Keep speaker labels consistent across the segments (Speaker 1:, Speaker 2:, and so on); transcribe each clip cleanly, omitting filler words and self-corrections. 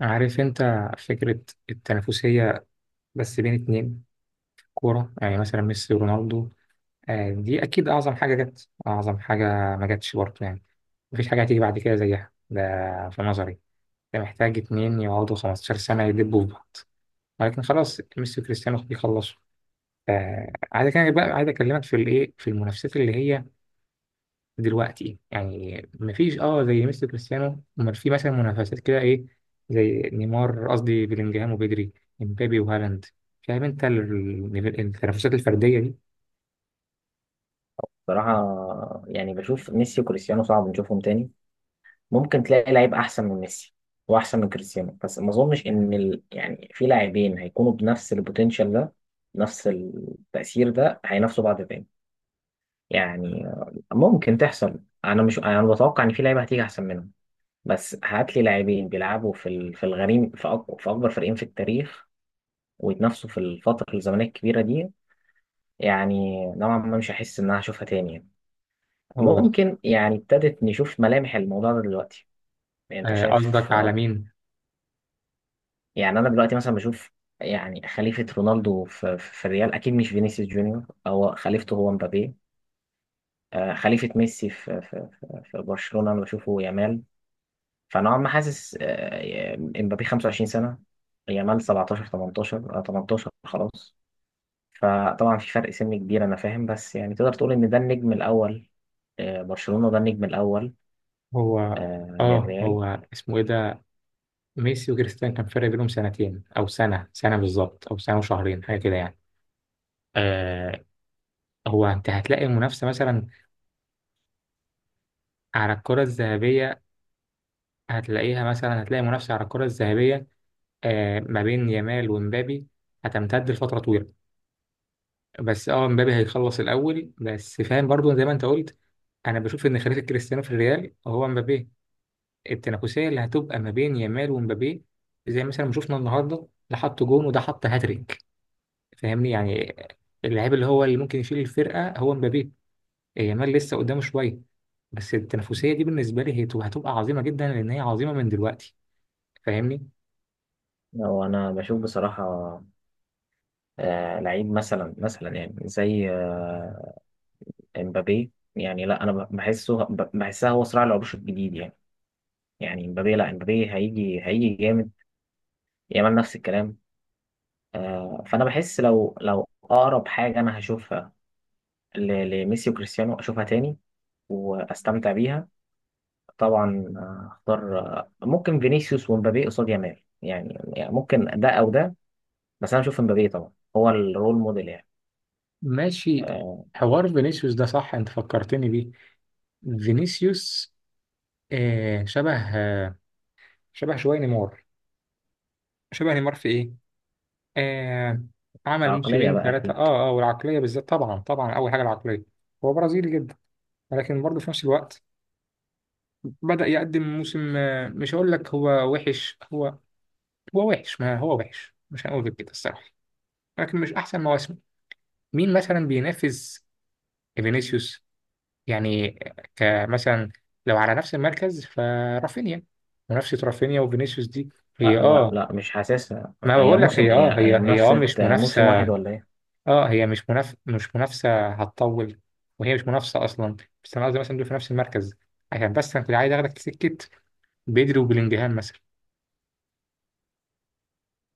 Speaker 1: عارف انت فكرة التنافسية، بس بين اتنين كورة، يعني مثلا ميسي ورونالدو. آه، دي أكيد أعظم حاجة جت، أعظم حاجة ما جاتش برضه يعني. مفيش حاجة هتيجي بعد كده زيها ده، في نظري. ده محتاج اتنين يقعدوا 15 سنة يدبوا في بعض، ولكن خلاص ميسي وكريستيانو بيخلصوا. آه، عايز أكلمك بقى، عايز أكلمك في الإيه، في المنافسات اللي هي دلوقتي، يعني مفيش زي ميسي كريستيانو، امال في مثلا منافسات كده ايه، زي نيمار، قصدي بلينجهام وبيدري، امبابي وهالاند. فاهم انت التنافسات الفرديه دي؟
Speaker 2: بصراحة يعني بشوف ميسي وكريستيانو صعب نشوفهم تاني. ممكن تلاقي لعيب أحسن من ميسي وأحسن من كريستيانو، بس ما أظنش إن ال... يعني في لاعبين هيكونوا بنفس البوتنشال ده، نفس التأثير ده، هينافسوا بعض تاني. يعني ممكن تحصل. أنا مش أنا بتوقع إن في لعيبة هتيجي أحسن منهم، بس هات لي لاعبين بيلعبوا في ال... في الغريم، في أكبر فريقين في التاريخ ويتنافسوا في الفترة الزمنية الكبيرة دي. يعني نوعا ما مش هحس إن أنا هشوفها تاني.
Speaker 1: هو،
Speaker 2: ممكن يعني ابتدت نشوف ملامح الموضوع ده دلوقتي، يعني انت
Speaker 1: آه،
Speaker 2: شايف.
Speaker 1: قصدك على مين؟
Speaker 2: يعني انا دلوقتي مثلا بشوف، يعني خليفة رونالدو في الريال اكيد مش فينيسيوس جونيور، هو خليفته هو مبابي. خليفة ميسي في برشلونة انا بشوفه يامال. فنوعا ما حاسس مبابي 25 سنة، يامال 17 18، 18 خلاص. فطبعا في فرق سن كبير انا فاهم، بس يعني تقدر تقول ان ده النجم الاول برشلونة، ده النجم الاول
Speaker 1: هو اه
Speaker 2: للريال.
Speaker 1: هو اسمه ايه ده؟ ميسي وكريستيانو كان فرق بينهم سنتين، او سنه بالظبط، او سنه وشهرين، حاجه كده يعني. آه، هو انت هتلاقي منافسه مثلا على الكره الذهبيه، هتلاقي منافسه على الكره الذهبيه، آه، ما بين يامال ومبابي، هتمتد لفترة طويلة. بس مبابي هيخلص الأول، بس فاهم برضو زي ما أنت قلت. أنا بشوف إن خليفة كريستيانو في الريال هو مبابي. التنافسية اللي هتبقى ما بين يامال ومبابي، زي مثلا ما شفنا النهاردة، ده حط جون وده حط هاتريك، فاهمني يعني. اللاعب اللي ممكن يشيل الفرقة هو مبابي. يامال لسه قدامه شوية. بس التنافسية دي بالنسبة لي هي هتبقى عظيمة جدا، لأن هي عظيمة من دلوقتي، فاهمني؟
Speaker 2: هو انا بشوف بصراحه لعيب مثلا يعني زي امبابي، يعني لا انا بحسها هو صراع العروش الجديد يعني. يعني امبابي لا امبابي هيجي جامد، يامال نفس الكلام. فانا بحس لو اقرب حاجه انا هشوفها ل- لميسي وكريستيانو اشوفها تاني واستمتع بيها. طبعا اختار، ممكن فينيسيوس ومبابي قصاد يامال يعني، يعني ممكن ده او ده، بس انا اشوف امبابي طبعا هو الرول موديل يعني.
Speaker 1: ماشي،
Speaker 2: آه،
Speaker 1: حوار فينيسيوس ده صح، انت فكرتني بيه. فينيسيوس، آه، شبه شويه نيمار. شبه نيمار في ايه؟ آه، عمل
Speaker 2: كعقليه
Speaker 1: موسمين
Speaker 2: بقى
Speaker 1: ثلاثه،
Speaker 2: أكيد.
Speaker 1: والعقليه بالذات، طبعا طبعا، اول حاجه العقليه. هو برازيلي جدا، ولكن برضه في نفس الوقت بدأ يقدم موسم، مش هقول لك هو وحش، هو وحش، ما هو وحش، مش هنقول غير كده الصراحه. لكن مش احسن مواسمه. مين مثلا بينافس فينيسيوس يعني؟ كمثلا لو على نفس المركز، فرافينيا. منافسه رافينيا وفينيسيوس دي، هي
Speaker 2: لا لا لا مش حاسسها،
Speaker 1: ما
Speaker 2: هي
Speaker 1: بقول لك،
Speaker 2: موسم،
Speaker 1: هي
Speaker 2: هي
Speaker 1: هي
Speaker 2: هي
Speaker 1: هي
Speaker 2: منافسة
Speaker 1: مش
Speaker 2: موسم
Speaker 1: منافسة.
Speaker 2: واحد ولا ايه؟
Speaker 1: اه هي مش منافسة هتطول، وهي مش منافسة أصلا. بس أنا قصدي مثلا دول في نفس المركز، عشان بس أنا كنت عايز آخدك سكة، بدري وبلينجهام مثلا.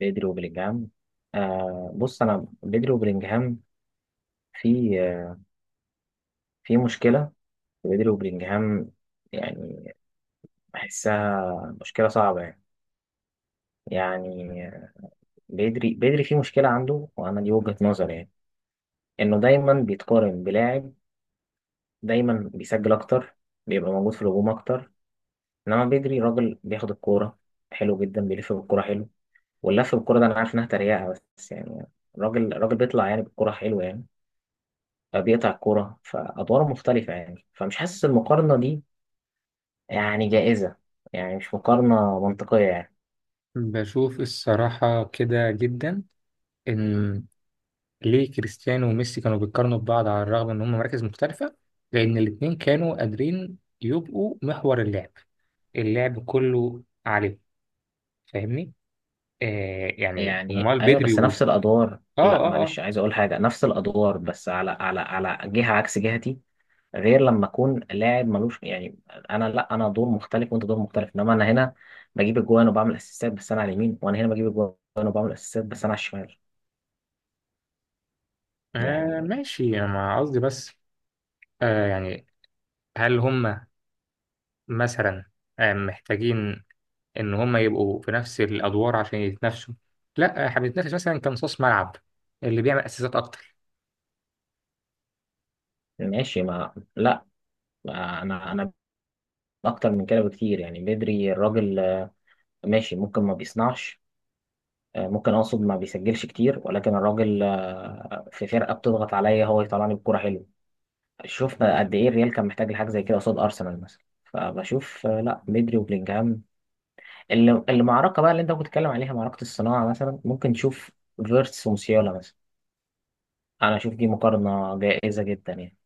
Speaker 2: بدري وبلينجهام. آه بص، انا بدري وبلينجهام في في مشكلة، في بدري وبلينجهام يعني. بحسها مشكلة صعبة يعني. يعني بدري في مشكلة عنده، وانا دي وجهة نظري يعني. انه دايما بيتقارن بلاعب دايما بيسجل اكتر، بيبقى موجود في الهجوم اكتر، انما بدري راجل بياخد الكورة حلو جدا، بيلف بالكورة حلو، واللف بالكوره ده انا عارف انها تريقه، بس يعني الراجل بيطلع يعني بالكوره حلوه يعني. بيقطع الكوره فادواره مختلفه يعني، فمش حاسس المقارنه دي يعني جائزه، يعني مش مقارنه منطقيه يعني.
Speaker 1: بشوف الصراحة كده جدا، إن ليه كريستيانو وميسي كانوا بيتقارنوا ببعض على الرغم إن هم مراكز مختلفة، لأن الاتنين كانوا قادرين يبقوا محور اللعب، اللعب كله عليه، فاهمني؟ آه، يعني
Speaker 2: يعني
Speaker 1: أمال
Speaker 2: ايوه،
Speaker 1: بدري
Speaker 2: بس
Speaker 1: و...
Speaker 2: نفس الادوار،
Speaker 1: آه
Speaker 2: لا
Speaker 1: آه آه.
Speaker 2: معلش عايز اقول حاجه، نفس الادوار بس على جهه عكس جهتي، غير لما اكون لاعب ملوش يعني. انا لا انا دور مختلف وانت دور مختلف، انما انا هنا بجيب الجوان وبعمل اسيستات بس انا على اليمين، وانا هنا بجيب الجوان وبعمل اسيستات بس انا على الشمال
Speaker 1: آه،
Speaker 2: يعني.
Speaker 1: ماشي، أنا قصدي بس، آه، يعني هل هم مثلا محتاجين إن هم يبقوا في نفس الأدوار عشان يتنافسوا؟ لا، إحنا بنتنافس مثلا كمصاص ملعب، اللي بيعمل أسيستات أكتر.
Speaker 2: ماشي، ما لا، انا اكتر من كده بكتير يعني. بدري الراجل ماشي، ممكن ما بيصنعش، ممكن اقصد ما بيسجلش كتير، ولكن الراجل في فرقه بتضغط عليا هو يطلعني بكوره حلوه. شفنا قد ايه الريال كان محتاج لحاجه زي كده قصاد ارسنال مثلا. فبشوف لا بدري وبلينجهام، اللي المعركه بقى اللي انت كنت بتتكلم عليها معركه الصناعه، مثلا ممكن نشوف فيرتس وموسيالا مثلا. انا اشوف دي مقارنه جائزه جدا يعني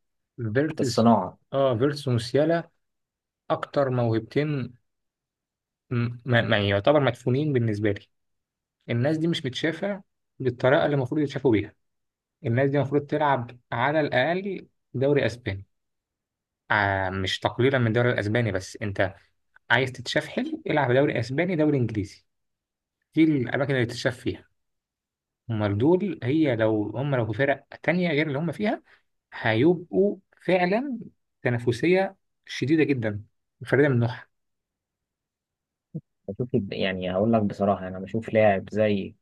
Speaker 2: في
Speaker 1: فيرتز
Speaker 2: الصناعه.
Speaker 1: فيرتز وموسيالا، أكتر موهبتين، ما يعتبر مدفونين بالنسبة لي. الناس دي مش متشافة بالطريقة اللي المفروض يتشافوا بيها. الناس دي المفروض تلعب على الأقل دوري أسباني، آه، مش تقليلا من الدوري الأسباني، بس أنت عايز تتشاف حلو، العب دوري اسباني، دوري انجليزي، دي الاماكن اللي تتشاف فيها. امال دول، هي لو هم، لو في فرق تانية غير اللي هم فيها، هيبقوا فعلا تنافسية شديدة جدا، فريدة من نوعها.
Speaker 2: بشوف يعني هقول لك بصراحه، يعني انا بشوف لاعب زي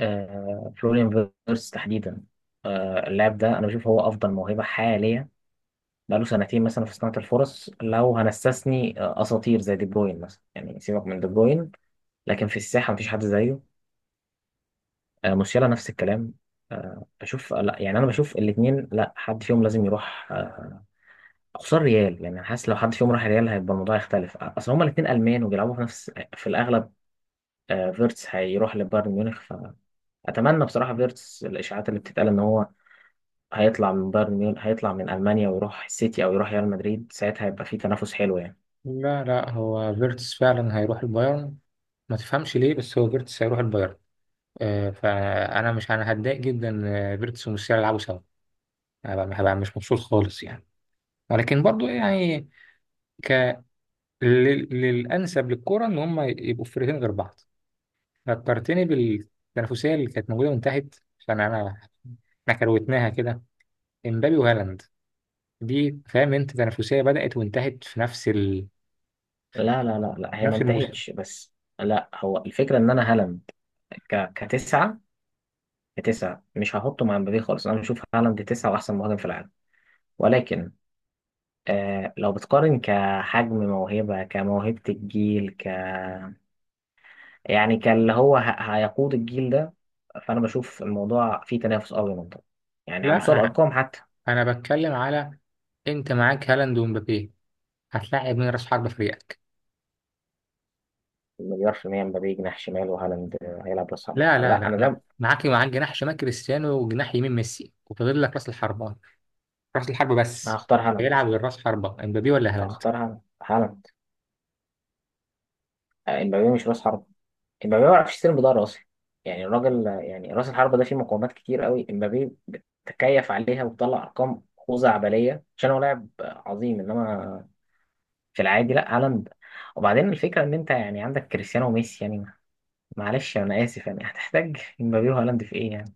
Speaker 2: فلوريان فيرتس تحديدا. اللاعب ده انا بشوف هو افضل موهبه حاليا بقاله سنتين مثلا في صناعه الفرص، لو هنستثني اساطير زي دي بروين مثلا، يعني سيبك من دي بروين، لكن في الساحه مفيش حد زيه. موسيالا نفس الكلام. بشوف لا يعني انا بشوف الاثنين، لا حد فيهم لازم يروح، خصوصا ريال، يعني انا حاسس لو حد فيهم راح ريال هيبقى الموضوع يختلف. اصل هما الاثنين المان وبيلعبوا في نفس، في الاغلب فيرتس هيروح لبايرن ميونخ. ف اتمنى بصراحه فيرتس، الاشاعات اللي بتتقال ان هو هيطلع من بايرن ميون، هيطلع من المانيا ويروح السيتي او يروح ريال مدريد، ساعتها هيبقى في تنافس حلو يعني.
Speaker 1: لا، لا، هو فيرتس فعلا هيروح البايرن، ما تفهمش ليه، بس هو فيرتس هيروح البايرن. آه، فانا مش، انا هتضايق جدا، آه، فيرتس وموسيالا يلعبوا سوا، هبقى مش مبسوط خالص يعني. ولكن برضو يعني ك... للانسب للكرة ان هم يبقوا في فرقتين غير بعض. فكرتني بالتنافسية اللي كانت موجودة من تحت، عشان إحنا كروتناها كده. إمبابي وهالاند، دي فاهم أنت تنافسية بدأت وانتهت في نفس
Speaker 2: لا لا لا لا،
Speaker 1: في
Speaker 2: هي ما
Speaker 1: نفس الموسم.
Speaker 2: انتهتش، بس لا هو الفكره ان انا هالاند ك... كتسعه كتسعه مش هحطه مع مبابي خالص. انا بشوف هالاند تسعه واحسن مهاجم في العالم، ولكن آه لو بتقارن كحجم موهبه، كموهبه الجيل، يعني كاللي هو هيقود الجيل ده، فانا بشوف الموضوع فيه تنافس قوي منطقي، يعني على مستوى
Speaker 1: لا،
Speaker 2: الارقام حتى.
Speaker 1: أنا بتكلم على، أنت معاك هالاند ومبابي، هتلاعب من رأس حربة فريقك.
Speaker 2: مليار في المية، مبابي جناح شمال وهالاند هيلعب راس حربة،
Speaker 1: لا، لا،
Speaker 2: لا
Speaker 1: لا،
Speaker 2: أنا
Speaker 1: ما.
Speaker 2: ده
Speaker 1: معاك جناح شمال كريستيانو وجناح يمين ميسي، وفاضل لك رأس الحربة، رأس الحربة بس.
Speaker 2: هختار هالاند،
Speaker 1: هيلعب غير رأس حربة، إمبابي ولا هالاند؟
Speaker 2: هالاند. مبابي مش راس حربة. امبابي ما بيعرفش يستلم بضاعة أصلا، يعني الراجل يعني راس الحربة ده فيه مقومات كتير قوي، امبابي بتكيف عليها وبتطلع أرقام خزعبلية عشان هو لاعب عظيم، إنما في العادي لا هالاند. وبعدين الفكرة إن أنت يعني عندك كريستيانو وميسي يعني معلش أنا آسف، يعني هتحتاج امبابي وهالاند في إيه يعني؟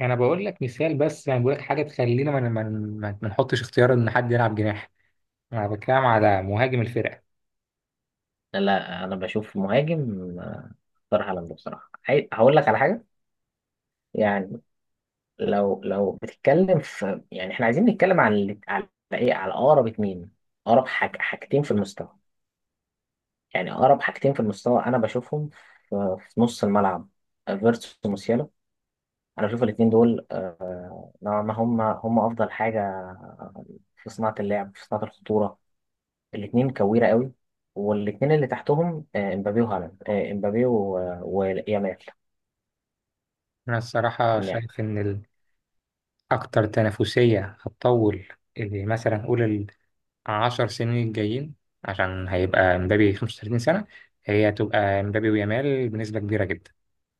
Speaker 1: أنا بقول لك مثال بس، يعني بقول لك حاجة تخلينا ما نحطش اختيار إن حد يلعب جناح. أنا بتكلم على مهاجم الفرقة.
Speaker 2: لا أنا بشوف مهاجم، اختار هالاند بصراحة. هقول لك على حاجة يعني. لو بتتكلم في، يعني احنا عايزين نتكلم عن على ايه، على اقرب اتنين، اقرب حاجتين في المستوى، يعني اقرب حاجتين في المستوى انا بشوفهم في نص الملعب فيرتس وموسيالا. انا بشوف الاتنين دول نوعا ما هم افضل حاجه في صناعه اللعب، في صناعه الخطوره. الاتنين كويره قوي، والاتنين اللي تحتهم امبابي وهالاند، امبابي ويامال يعني.
Speaker 1: أنا الصراحة شايف إن أكتر تنافسية هتطول، اللي مثلا نقول العشر سنين الجايين، عشان هيبقى مبابي 35 سنة، هي هتبقى مبابي ويامال بنسبة كبيرة جدا.